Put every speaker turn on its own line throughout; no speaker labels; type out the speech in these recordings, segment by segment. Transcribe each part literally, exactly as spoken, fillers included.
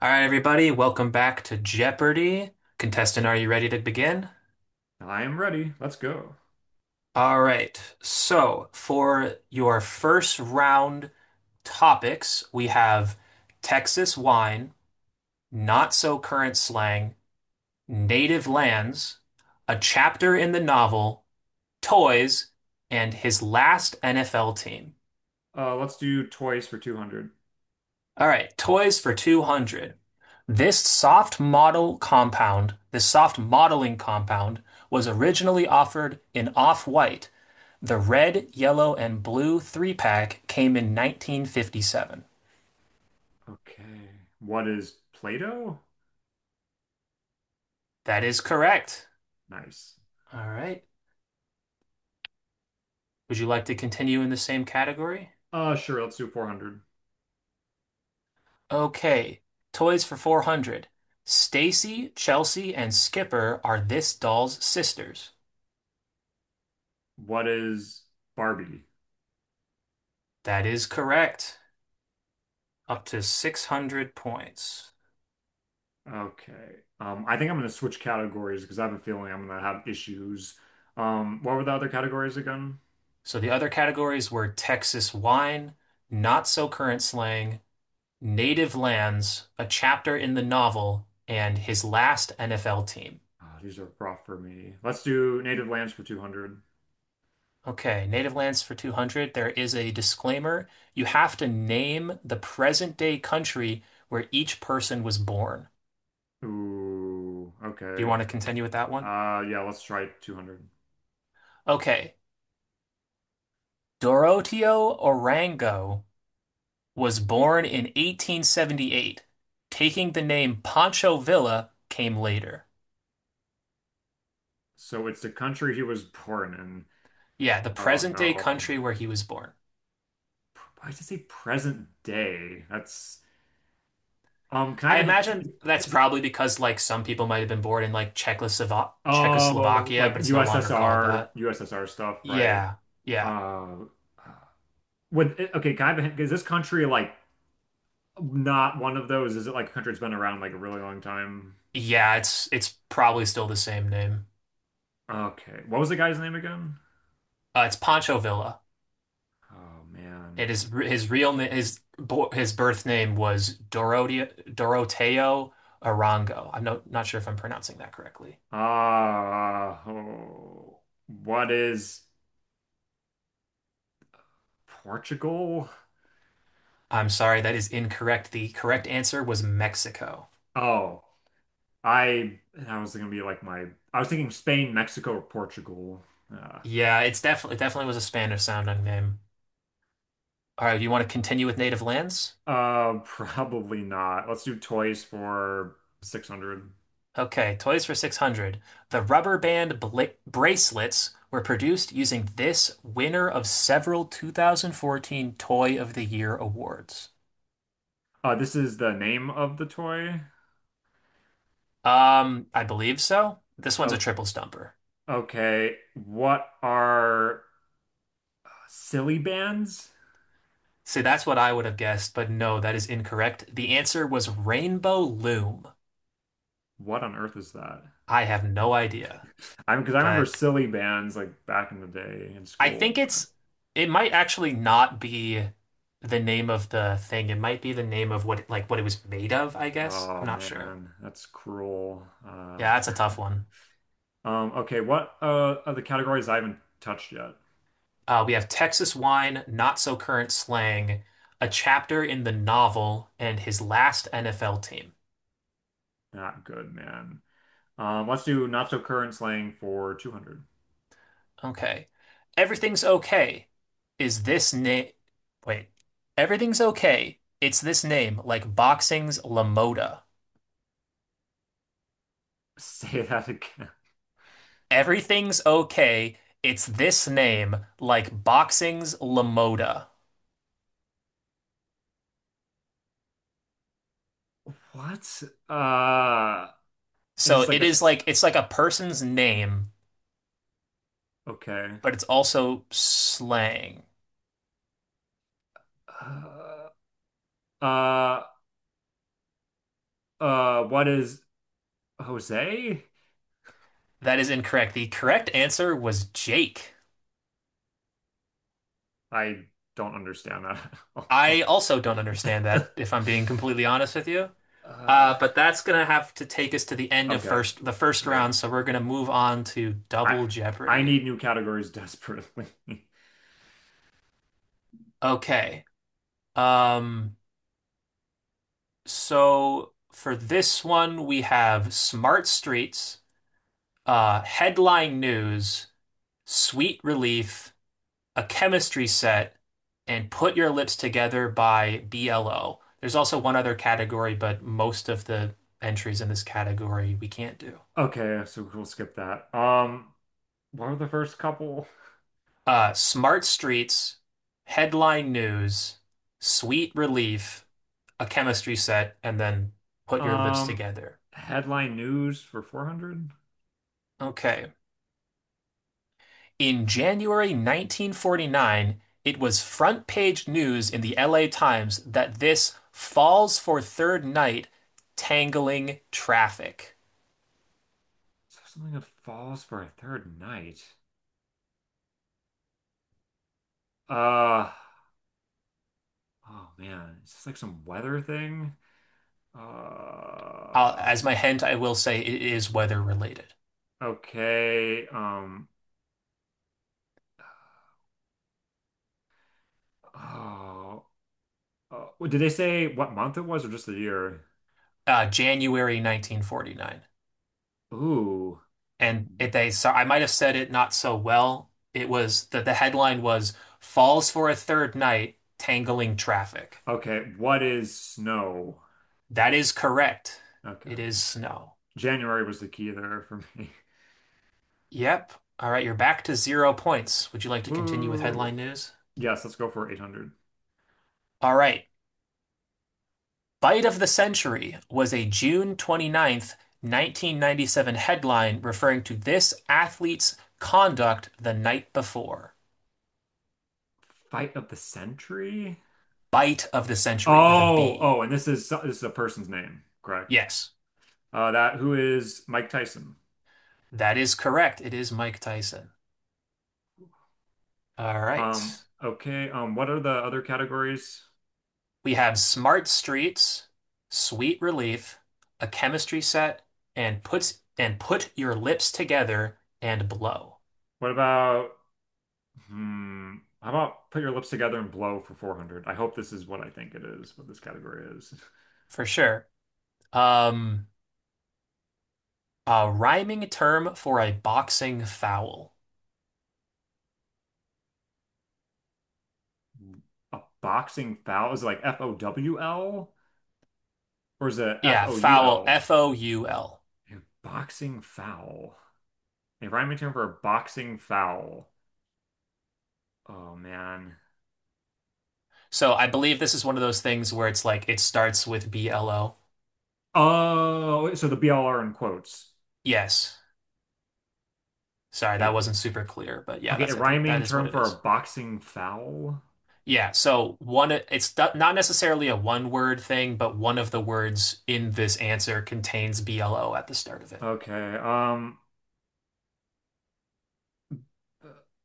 All right, everybody, welcome back to Jeopardy! Contestant, are you ready to begin?
I am ready. Let's go.
All right, so for your first round topics, we have Texas wine, not so current slang, native lands, a chapter in the novel, toys, and his last N F L team.
Uh, let's do toys for two hundred.
All right, toys for two hundred. This soft model compound, this soft modeling compound, was originally offered in off-white. The red, yellow, and blue three-pack came in nineteen fifty-seven.
Okay. What is Play-Doh?
That is correct.
Nice.
All right. Would you like to continue in the same category?
Uh, sure, let's do four hundred.
Okay, toys for four hundred. Stacy, Chelsea, and Skipper are this doll's sisters.
What is Barbie?
That is correct. Up to six hundred points.
Okay. Um, I think I'm gonna switch categories because I have a feeling I'm gonna have issues. Um, what were the other categories again?
So the other categories were Texas wine, not so current slang, native lands, a chapter in the novel, and his last N F L team.
Ah, these are rough for me. Let's do native lands for two hundred.
Okay, native lands for two hundred. There is a disclaimer. You have to name the present day country where each person was born.
Ooh,
Do you
okay.
want to continue with that one?
Uh, yeah, let's try two hundred.
Okay. Doroteo Orango was born in eighteen seventy-eight. Taking the name Pancho Villa came later.
So it's the country he was born in.
Yeah, the
Oh
present day
no.
country where he was born.
Why does it say present day? That's um. Can I
I
have a hint? Is-
imagine
is-
that's
is-
probably because like some people might have been born in like Czechoslovakia,
oh,
Czechoslovakia,
like
but it's no longer called
USSR,
that.
USSR stuff, right?
Yeah, yeah,
Uh, with okay. Can I have a hint? Is this country like not one of those? Is it like a country that's been around like a really long time?
yeah. It's it's probably still the same name.
Okay. What was the guy's name again?
Uh, it's Pancho Villa.
Oh man.
It is his real name. His bo- his birth name was Dorotea Doroteo Arango. I'm not not sure if I'm pronouncing that correctly.
Ah, oh, what is Portugal?
I'm sorry, that is incorrect. The correct answer was Mexico.
Oh, I I was gonna be like my I was thinking Spain, Mexico, or Portugal. Uh,
Yeah, it's definitely it definitely was a Spanish sounding name. All right, you want to continue with native lands?
uh Probably not. Let's do toys for six hundred.
Okay, toys for six hundred. The rubber band bla bracelets were produced using this winner of several two thousand fourteen Toy of the Year awards.
Uh this is the name of the toy.
Um, I believe so. This one's a
Oh,
triple stumper.
okay. What are silly bands?
See, that's what I would have guessed, but no, that is incorrect. The answer was Rainbow Loom.
What on earth is that?
I have no idea,
I because I remember
but
silly bands like back in the day in
I think
school. But-
it's it might actually not be the name of the thing. It might be the name of what like what it was made of, I guess. I'm
oh
not sure.
man, that's cruel. Uh
Yeah, that's a tough one.
um okay, what uh are the categories I haven't touched yet?
Uh, we have Texas wine, not so current slang, a chapter in the novel, and his last N F L team.
Not good, man. Um, let's do not so current slang for two hundred.
Okay. Everything's okay. Is this name? Wait. Everything's okay. It's this name, like boxing's LaModa.
Say that again.
Everything's okay. It's this name, like boxing's Lamoda.
What? Uh, it
So
is like
it
a
is
s-
like it's like a person's name,
okay.
but it's also slang.
Uh, uh, uh, what is Jose?
That is incorrect. The correct answer was Jake.
I don't understand that.
I also don't understand that, if I'm being completely honest with you.
Uh,
Uh, but that's gonna have to take us to the end of
okay,
first the first
great.
round, so we're gonna move on to
I
Double
I
Jeopardy.
need new categories desperately.
Okay. Um, so for this one, we have Smart Streets, uh, headline news, Sweet Relief, a chemistry set, and Put Your Lips Together by B L O. There's also one other category, but most of the entries in this category we can't do.
Okay, so we'll skip that. Um, what were the first couple?
Uh, Smart Streets, headline news, Sweet Relief, a chemistry set, and then Put Your Lips
Um,
Together.
headline news for four hundred?
Okay. In January nineteen forty-nine, it was front page news in the L A Times that this falls for third night tangling traffic.
Is something that falls for a third night? Uh, oh man, is this like some weather thing?
Uh,
Uh,
as my hint, I will say it is weather related.
okay. Um, oh, uh, well, did they say what month it was or just the year?
Uh, January nineteen forty-nine.
Ooh,
And it, they so I might have said it not so well. It was that the headline was Falls for a Third Night Tangling Traffic.
okay. What is snow?
That is correct. It
Okay.
is snow.
January was the key there for me.
Yep. All right, you're back to zero points. Would you like to continue with
Woo.
headline news?
Yes, let's go for eight hundred.
All right. Bite of the Century was a June 29th, 1997 headline referring to this athlete's conduct the night before.
Fight of the century?
Bite of the Century with a
Oh,
B.
oh, and this is this is a person's name, correct?
Yes,
Uh, that who is Mike Tyson?
that is correct. It is Mike Tyson. All
Um,
right.
okay. Um, what are the other categories?
We have Smart Streets, Sweet Relief, A Chemistry Set, and puts and put your lips together and blow.
What about hmm, how about put your lips together and blow for four hundred? I hope this is what I think it is, what this category is.
For sure. Um, a rhyming term for a boxing foul.
A boxing foul is it like F O W L or is it
Yeah, foul,
F O U L?
F O U L.
A boxing foul. A rhyming term for a boxing foul. Oh man.
So I believe this is one of those things where it's like it starts with B L O.
Oh, so the B L R in quotes.
Yes. Sorry,
A,
that wasn't super clear, but yeah,
okay, a
that's I think that
rhyming
is what
term
it
for a
is.
boxing foul.
Yeah, so one it's not not necessarily a one word thing, but one of the words in this answer contains B L O at the start of it.
Okay. Um,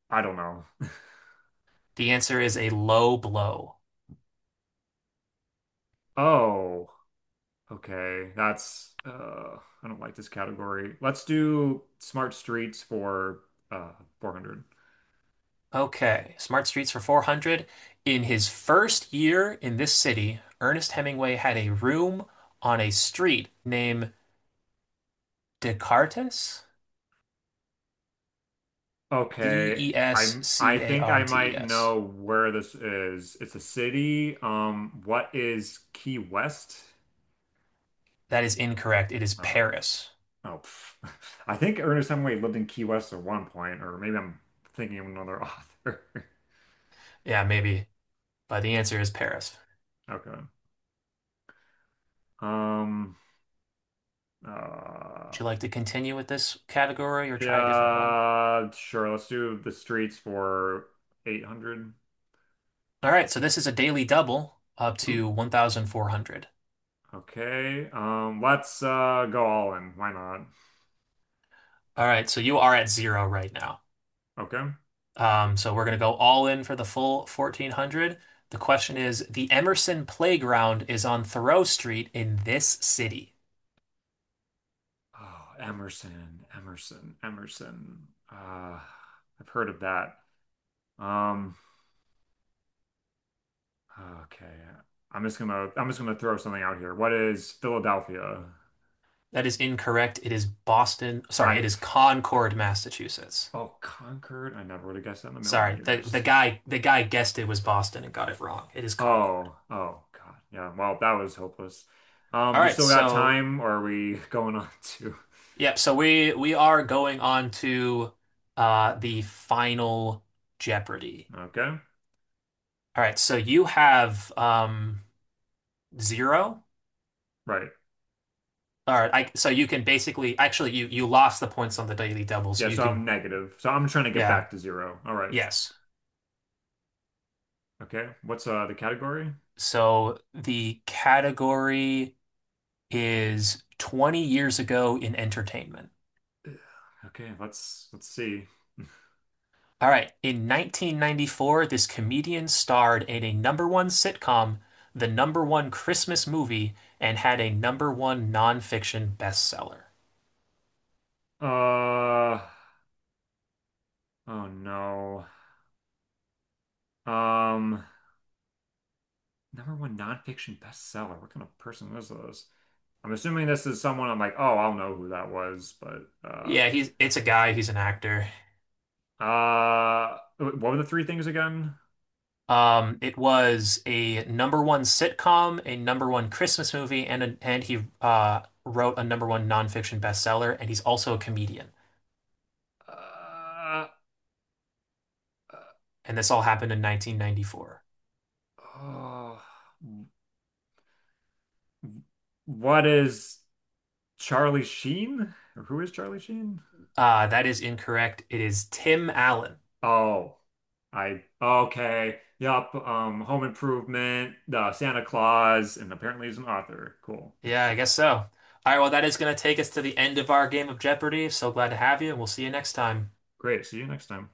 I don't know.
The answer is a low blow.
Oh, okay. That's uh, I don't like this category. Let's do smart streets for uh four hundred.
Okay, Smart Streets for four hundred. In his first year in this city, Ernest Hemingway had a room on a street named Descartes?
Okay. I'm I think I might
D E S C A R T E S.
know where this is. It's a city. Um, what is Key West?
That is incorrect. It is
Oh,
Paris.
oh, pff. I think Ernest Hemingway lived in Key West at one point, or maybe I'm thinking of another author.
Yeah, maybe, but the answer is Paris.
Okay. Um, uh,
Would you like to continue with this category or try a different one?
Yeah, sure. Let's do the streets for eight hundred.
All right, so this is a daily double up to
Ooh.
one thousand four hundred.
Okay. Um, let's uh go all in. Why not?
All right, so you are at zero right now.
Okay.
Um, so we're going to go all in for the full fourteen hundred. The question is, the Emerson Playground is on Thoreau Street in this city.
Oh, Emerson, Emerson, Emerson. Uh, I've heard of that. Um, okay. I'm just gonna I'm just gonna throw something out here. What is Philadelphia?
That is incorrect. It is Boston. Sorry, it
I
is Concord, Massachusetts.
oh, Concord. I never would have guessed that in a million
Sorry, the the
years.
guy the guy guessed it was Boston and got it wrong. It is Concord.
Oh, oh God. Yeah. Well, that was hopeless. Um,
All
do you
right,
still got
so
time or are we going on to?
yep, so we we are going on to uh the final Jeopardy.
Okay.
All right, so you have um zero.
Right.
All right, I, so you can basically actually you you lost the points on the Daily Double, so
Yeah,
you
so I'm
can
negative. So I'm trying to get
yeah,
back to zero. All right.
yes.
Okay. What's uh the category?
So the category is twenty years ago in entertainment.
Ugh. Okay, let's let's see.
All right, in nineteen ninety-four, this comedian starred in a number one sitcom, the number one Christmas movie, and had a number one nonfiction bestseller.
Uh oh no. Um number one nonfiction bestseller. What kind of person is this? I'm assuming this is someone I'm like, oh, I'll know who that was, but uh
Yeah, he's it's a guy, he's an actor.
uh what were the three things again?
Um, it was a number one sitcom, a number one Christmas movie, and a, and he uh, wrote a number one nonfiction bestseller, and he's also a comedian.
Uh, uh,
And this all happened in nineteen ninety-four.
oh, what is Charlie Sheen? Or who is Charlie Sheen?
Uh, that is incorrect. It is Tim Allen.
Oh, I okay. Yup. Um, Home Improvement, uh, Santa Claus, and apparently he's an author. Cool.
Yeah, I guess so. All right, well, that is going to take us to the end of our game of Jeopardy. So glad to have you, and we'll see you next time.
Great. See you next time.